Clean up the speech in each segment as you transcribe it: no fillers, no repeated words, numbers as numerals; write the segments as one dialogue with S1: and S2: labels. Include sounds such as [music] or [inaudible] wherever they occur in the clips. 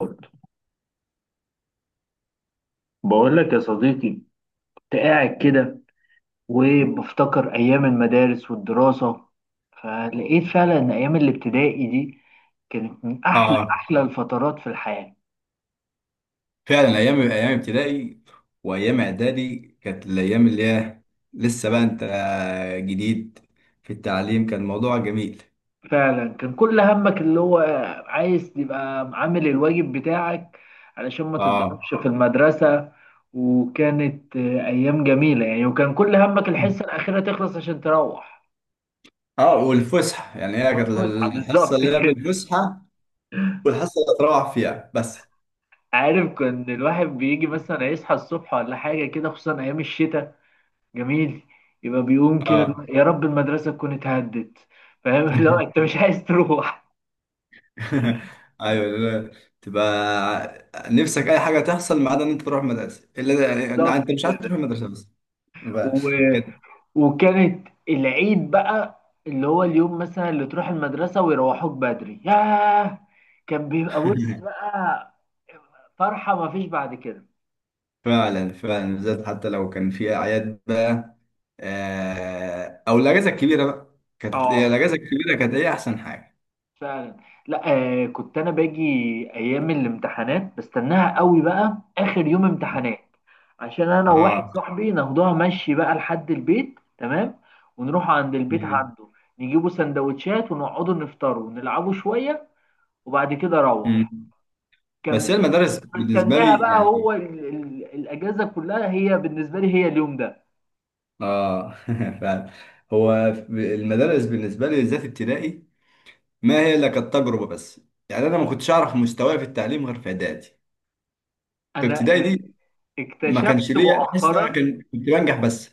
S1: برضه، بقول لك يا صديقي، كنت قاعد كده وبفتكر أيام المدارس والدراسة، فلقيت فعلا إن أيام الابتدائي دي كانت من أحلى
S2: اه.
S1: أحلى الفترات في الحياة.
S2: فعلا ايام ايام ابتدائي وايام اعدادي كانت الايام اللي هي لسه بقى انت جديد في التعليم كان موضوع جميل.
S1: فعلا كان كل همك اللي هو عايز تبقى عامل الواجب بتاعك علشان ما
S2: اه،
S1: تتضربش في المدرسة. وكانت أيام جميلة يعني، وكان كل همك الحصة الأخيرة تخلص عشان تروح.
S2: اه، والفسحه يعني هي كانت
S1: والفسحة
S2: الحصه
S1: بالظبط
S2: اللي قبل
S1: كده.
S2: الفسحه، والحصه اللي تروح فيها بس.
S1: عارف كان الواحد بيجي مثلا يصحى الصبح ولا حاجة كده، خصوصا أيام الشتاء، جميل، يبقى بيقوم كده اللي
S2: اه.
S1: هو يا رب المدرسة تكون اتهدت. فاهم؟ [laughs] لا أنت مش عايز تروح.
S2: [laughs] ايوه، لا، تبقى نفسك اي حاجه تحصل ما عدا ان انت تروح مدرسه، الا يعني
S1: بالظبط
S2: انت مش عايز
S1: كده.
S2: تروح مدرسه بس بقى.
S1: و...
S2: كده.
S1: وكانت العيد بقى اللي هو اليوم، مثلا، اللي تروح المدرسة ويروحوك بدري. ياه، كان بيبقى بص
S2: [laughs]
S1: بقى فرحة مفيش بعد كده.
S2: فعلا فعلا بالذات حتى لو كان في اعياد بقى او الاجازه الكبيره بقى كانت هي
S1: اه،
S2: الاجازه الكبيره، كانت هي احسن حاجه.
S1: فعلا. لا، آه، كنت انا باجي ايام الامتحانات بستناها قوي بقى، اخر يوم امتحانات عشان انا وواحد
S2: اه.
S1: صاحبي ناخدوها مشي بقى لحد البيت، تمام، ونروح عند البيت
S2: مم.
S1: عنده نجيبوا سندوتشات ونقعدوا نفطروا ونلعبوا شوية، وبعد كده اروح.
S2: مم. بس
S1: كان
S2: هي المدارس بالنسبه
S1: بستناها
S2: لي
S1: بقى،
S2: يعني.
S1: هو ال ال الاجازة كلها هي بالنسبة لي هي اليوم ده.
S2: اه. [laughs] فعلا هو المدارس بالنسبه لي بالذات ابتدائي ما هي الا كانت تجربه بس. يعني انا ما كنتش اعرف مستواي في التعليم غير في اعدادي. في
S1: انا
S2: ابتدائي دي ما كانش
S1: اكتشفت
S2: ليا تحس ان انا
S1: مؤخرا،
S2: كنت بنجح بس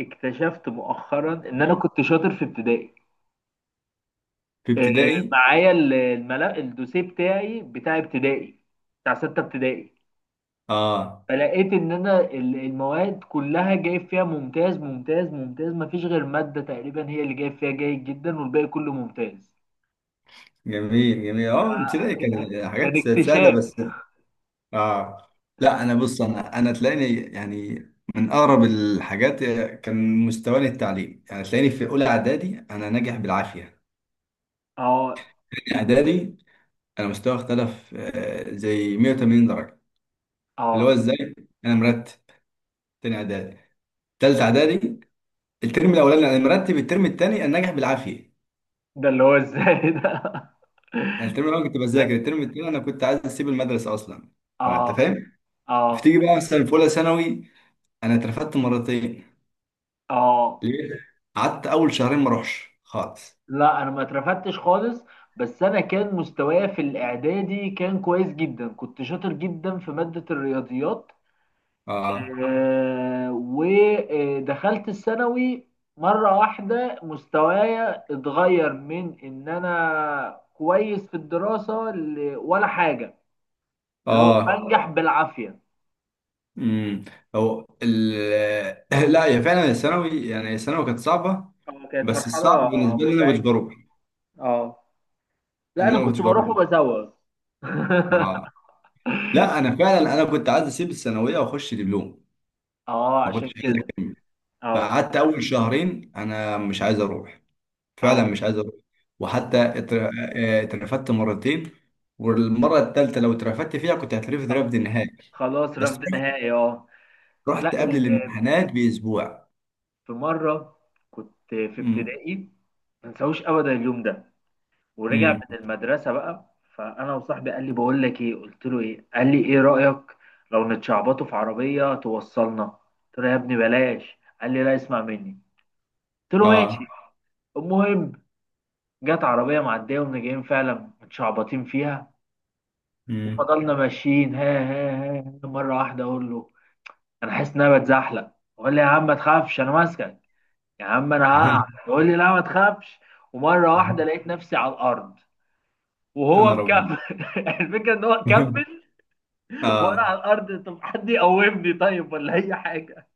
S1: ان انا كنت شاطر في ابتدائي.
S2: في ابتدائي.
S1: معايا الملف الدوسيه بتاعي بتاع ابتدائي، بتاع 6 ابتدائي.
S2: اه.
S1: فلقيت ان انا المواد كلها جايب فيها ممتاز ممتاز ممتاز، مفيش غير مادة تقريبا هي اللي جايب فيها جيد جدا، والباقي كله ممتاز.
S2: جميل جميل. اه. ابتدائي
S1: آه،
S2: كانت
S1: كان
S2: حاجات سهله
S1: اكتشاف.
S2: بس. اه. لا، انا بص انا تلاقيني يعني من اقرب الحاجات كان مستواني التعليم يعني تلاقيني في اولى اعدادي انا ناجح بالعافيه.
S1: اه،
S2: تاني اعدادي انا مستوى اختلف زي 180 درجه. اللي هو
S1: اه.
S2: ازاي انا مرتب تاني اعدادي، تالت اعدادي الترم الاولاني انا مرتب، الترم التاني انا ناجح بالعافيه.
S1: ده اللي هو ازاي ده؟ [laughs]
S2: يعني الترم الاول كنت بذاكر،
S1: لا.
S2: الترم التاني انا كنت عايز اسيب المدرسه اصلا. فانت
S1: اه،
S2: فاهم.
S1: اه،
S2: فتيجي بقى مثلا في اولى ثانوي انا اترفدت مرتين.
S1: اه.
S2: ليه؟ قعدت اول شهرين ما اروحش خالص.
S1: لا انا ما اترفدتش خالص، بس انا كان مستوايا في الاعدادي كان كويس جدا، كنت شاطر جدا في مادة الرياضيات.
S2: اه.
S1: ودخلت الثانوي، مرة واحدة مستوايا اتغير من ان انا كويس في الدراسة ولا حاجة، اللي هو
S2: اه.
S1: بنجح بالعافية.
S2: امم. هو ال [laughs] لا، هي فعلا الثانوي، يعني الثانوي كانت صعبه.
S1: اه، كانت
S2: بس
S1: مرحلة
S2: الصعب بالنسبه لي انا ما كنتش
S1: مزعجة.
S2: بروح،
S1: اه، لا،
S2: ان انا
S1: انا
S2: ما
S1: كنت
S2: كنتش بروح.
S1: بروح وبزوغ.
S2: اه. لا، انا
S1: [laughs]
S2: فعلا انا كنت عايز اسيب الثانويه واخش دبلوم.
S1: اه،
S2: ما
S1: عشان
S2: كنتش عايز
S1: كده.
S2: اكمل.
S1: اه،
S2: فقعدت اول شهرين انا مش عايز اروح، فعلا
S1: اه،
S2: مش عايز اروح. وحتى
S1: آه.
S2: اترفدت مرتين. والمره الثالثه لو اترفدت فيها كنت هترفد
S1: خل-
S2: رفد نهائي.
S1: خلاص،
S2: بس
S1: رفض
S2: رحت
S1: نهائي، اه. لا،
S2: رحت قبل الامتحانات باسبوع.
S1: في مره كنت في
S2: امم.
S1: ابتدائي، ما انساهوش ابدا اليوم ده. ورجع
S2: امم.
S1: من المدرسه بقى، فانا وصاحبي قال لي: بقول لك ايه. قلت له: ايه. قال لي: ايه رايك لو نتشعبطوا في عربيه توصلنا. قلت له: يا ابني بلاش. قال لي: لا، اسمع مني. قلت له: ماشي.
S2: اه.
S1: المهم، جت عربيه معديه ومن جايين فعلا متشعبطين فيها،
S2: امم.
S1: وفضلنا ماشيين، ها ها ها ها. مره واحده اقول له: انا حاسس ان انا بتزحلق. وقال لي: يا عم ما تخافش انا ماسكك. يا عم انا هقع.
S2: [laughs]
S1: يقول لي: لا ما تخافش. ومره واحده لقيت نفسي على الارض، وهو
S2: انا ربنا.
S1: مكمل. [laughs] الفكره ان هو
S2: [laughs]
S1: كمل وانا
S2: اه.
S1: على الارض. طب حد يقومني طيب ولا اي حاجه؟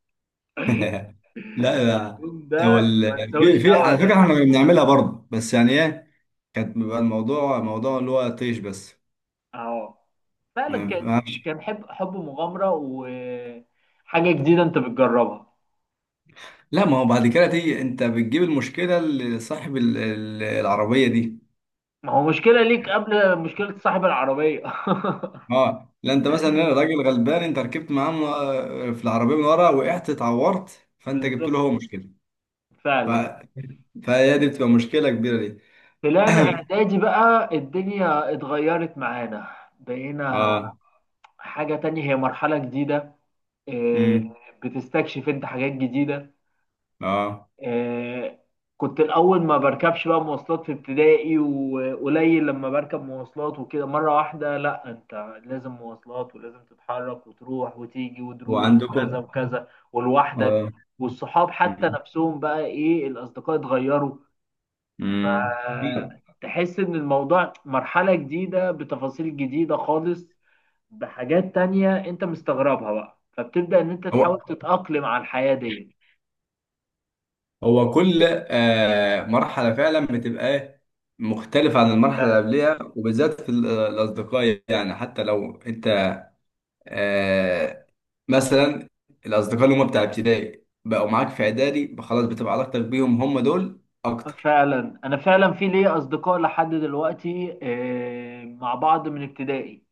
S2: [laughs] لا، لا،
S1: اليوم ده ما انساهوش
S2: في على
S1: ابدا.
S2: فكره احنا كنا بنعملها برضه. بس يعني ايه، كانت بيبقى الموضوع موضوع اللي هو طيش بس.
S1: اهو. فعلا كان،
S2: ما
S1: حب، مغامره وحاجه جديده انت بتجربها.
S2: لا، ما هو بعد كده تيجي انت بتجيب المشكله لصاحب العربيه دي.
S1: ما هو مشكله ليك قبل مشكله صاحب العربيه. [laughs]
S2: اه. لا، انت مثلا راجل غلبان انت ركبت معاه في العربيه من ورا، وقعت اتعورت، فانت جبت له
S1: بالظبط،
S2: هو مشكله. ف...
S1: فعلا.
S2: فهي دي بتبقى مشكله كبيره دي.
S1: طلعنا اعدادي بقى، الدنيا اتغيرت معانا، بقينا
S2: اه.
S1: حاجة تانية، هي مرحلة جديدة. آه،
S2: امم.
S1: بتستكشف انت حاجات جديدة.
S2: اه.
S1: آه، كنت الأول ما بركبش بقى مواصلات في ابتدائي، وقليل لما بركب مواصلات وكده، مرة واحدة لا انت لازم مواصلات، ولازم تتحرك وتروح وتيجي ودروس وكذا
S2: وعندكم.
S1: وكذا، ولوحدك.
S2: اه.
S1: والصحاب حتى
S2: امم.
S1: نفسهم بقى ايه، الأصدقاء اتغيروا.
S2: امم.
S1: فتحس ان الموضوع مرحلة جديدة بتفاصيل جديدة خالص، بحاجات تانية انت مستغربها بقى، فبتبدأ ان انت
S2: هو
S1: تحاول تتأقلم على الحياة ديت.
S2: هو كل مرحله فعلا بتبقى إيه؟ مختلفه عن المرحله اللي قبلها، وبالذات في الاصدقاء. يعني حتى لو انت آه مثلا الاصدقاء اللي هم بتاع ابتدائي بقوا معاك في اعدادي، بقى خلاص بتبقى علاقتك بيهم هم دول اكتر.
S1: فعلا. انا فعلا في ليا اصدقاء لحد دلوقتي، مع بعض من ابتدائي.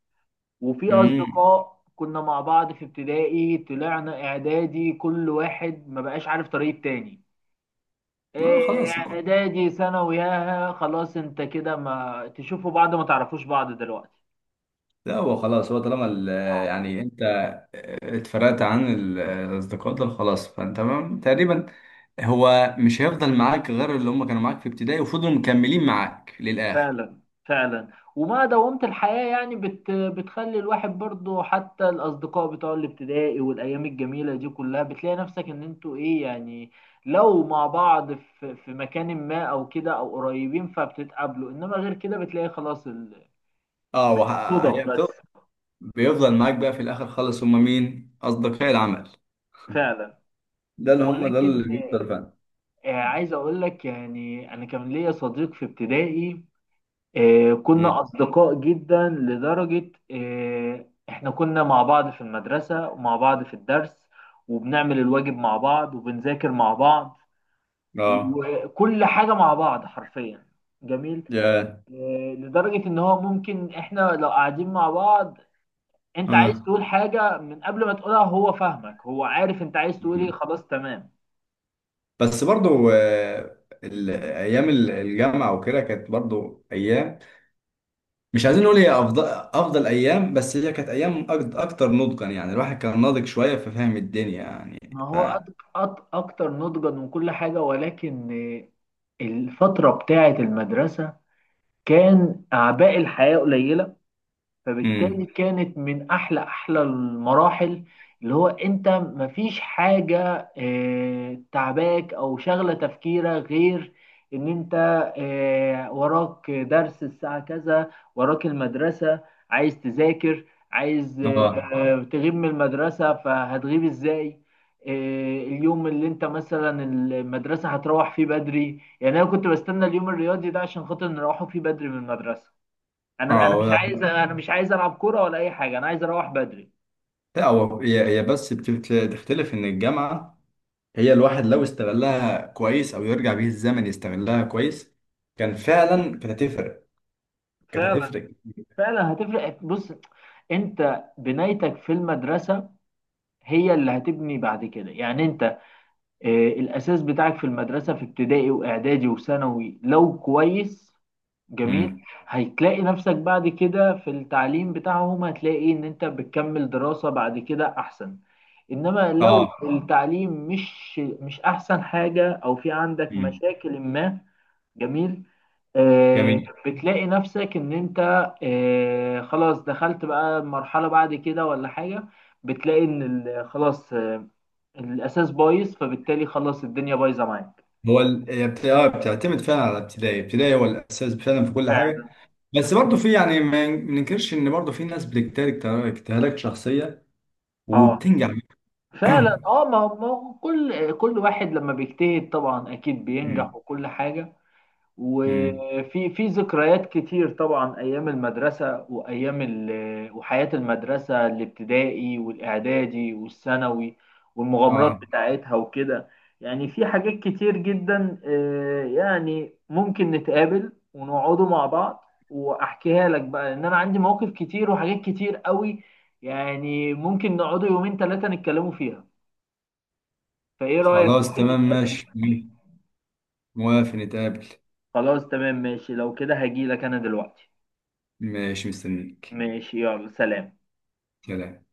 S1: وفي
S2: امم.
S1: اصدقاء كنا مع بعض في ابتدائي طلعنا اعدادي كل واحد ما بقاش عارف طريق تاني.
S2: اه. خلاص.
S1: اعدادي، ثانوي، ياها، خلاص انت كده ما تشوفوا بعض، ما تعرفوش بعض دلوقتي.
S2: لا، هو خلاص هو طالما يعني انت اتفرقت عن الاصدقاء دول خلاص. فانت تقريبا هو مش هيفضل معاك غير اللي هم كانوا معاك في ابتدائي وفضلوا مكملين معاك للاخر.
S1: فعلا، فعلا. وما دومت الحياة يعني، بتخلي الواحد برضو، حتى الأصدقاء بتوع الابتدائي والأيام الجميلة دي كلها بتلاقي نفسك إن أنتوا إيه يعني، لو مع بعض في مكان ما أو كده أو قريبين فبتتقابلوا، إنما غير كده بتلاقي خلاص،
S2: اه.
S1: الصدف
S2: هي
S1: بس.
S2: بيفضل معاك بقى في الاخر خالص. هم مين؟ اصدقاء العمل
S1: فعلا.
S2: ده اللي هم ده
S1: ولكن
S2: اللي بيفضل فعلا.
S1: عايز أقول لك يعني، أنا كان ليا صديق في ابتدائي.
S2: مم.
S1: كنا أصدقاء جدا لدرجة إحنا كنا مع بعض في المدرسة ومع بعض في الدرس، وبنعمل الواجب مع بعض وبنذاكر مع بعض،
S2: اه.
S1: وكل حاجة مع بعض حرفيا. جميل.
S2: يا
S1: لدرجة إن هو ممكن إحنا لو قاعدين مع بعض، أنت عايز
S2: اه.
S1: تقول حاجة من قبل ما تقولها هو فاهمك، هو عارف أنت عايز تقول إيه،
S2: مم.
S1: خلاص تمام.
S2: بس برضو ايام الجامعه وكده كانت برضو ايام. مش عايزين نقول هي افضل افضل ايام، بس هي كانت ايام اكتر نضجا. يعني الواحد كان ناضج شويه في فهم الدنيا يعني.
S1: ما
S2: ف
S1: هو أكتر نضجا من كل حاجة. ولكن الفترة بتاعة المدرسة كان اعباء الحياه قليله، فبالتالي
S2: امم.
S1: كانت من احلى احلى المراحل. اللي هو انت مفيش حاجة تعباك او شغلة تفكيرك، غير ان انت وراك درس الساعة كذا، وراك المدرسة، عايز تذاكر، عايز
S2: اه.
S1: تغيب من المدرسة فهتغيب ازاي. آه، اليوم اللي انت مثلا المدرسة هتروح فيه بدري، يعني انا كنت بستنى اليوم الرياضي ده عشان خاطر نروحه فيه بدري من المدرسة. انا
S2: اه.
S1: انا مش عايز، انا مش عايز العب كوره ولا اي حاجه، انا عايز اروح بدري.
S2: لا، هو هي بس بتختلف ان الجامعه هي، الواحد لو استغلها كويس او يرجع بيه الزمن يستغلها كويس، كان فعلا كانت هتفرق، كانت
S1: فعلا.
S2: هتفرق.
S1: فعلا هتفرق. بص، انت بنايتك في المدرسه هي اللي هتبني بعد كده، يعني انت الاساس بتاعك في المدرسه في ابتدائي واعدادي وثانوي لو كويس، جميل،
S2: امم.
S1: هتلاقي نفسك بعد كده في التعليم بتاعهم، هتلاقي ان انت بتكمل دراسه بعد كده احسن. انما لو
S2: اه.
S1: التعليم مش احسن حاجه، او في عندك
S2: امم.
S1: مشاكل ما، جميل،
S2: جميل.
S1: بتلاقي نفسك ان انت خلاص دخلت بقى مرحلة بعد كده ولا حاجة، بتلاقي ان خلاص، الاساس بايظ، فبالتالي خلاص الدنيا بايظة معاك.
S2: هو هي بتعتمد فعلا على ابتدائي. ابتدائي هو الاساس فعلا في كل حاجه.
S1: فعلا.
S2: بس برضه في، يعني ما ننكرش ان برضه في ناس بتجتهد اجتهادات شخصيه
S1: اه
S2: وبتنجح. [clears throat]
S1: فعلا. اه، ما هو كل واحد لما بيجتهد طبعا اكيد بينجح
S2: أمم،
S1: وكل حاجة.
S2: أمم.
S1: وفي ذكريات كتير طبعا، ايام المدرسه وايام وحياه المدرسه، الابتدائي والاعدادي والثانوي، والمغامرات
S2: اه.
S1: بتاعتها وكده. يعني في حاجات كتير جدا، يعني ممكن نتقابل ونقعدوا مع بعض، واحكيها لك بقى، لان انا عندي مواقف كتير وحاجات كتير قوي. يعني ممكن نقعدوا يومين ثلاثه نتكلموا فيها. فايه رايك،
S2: خلاص
S1: ممكن
S2: تمام
S1: نتقابل؟
S2: ماشي. موافق نتقابل.
S1: خلاص تمام ماشي. لو كده هجيلك انا دلوقتي.
S2: ماشي مستنيك.
S1: ماشي، يلا، سلام.
S2: سلام.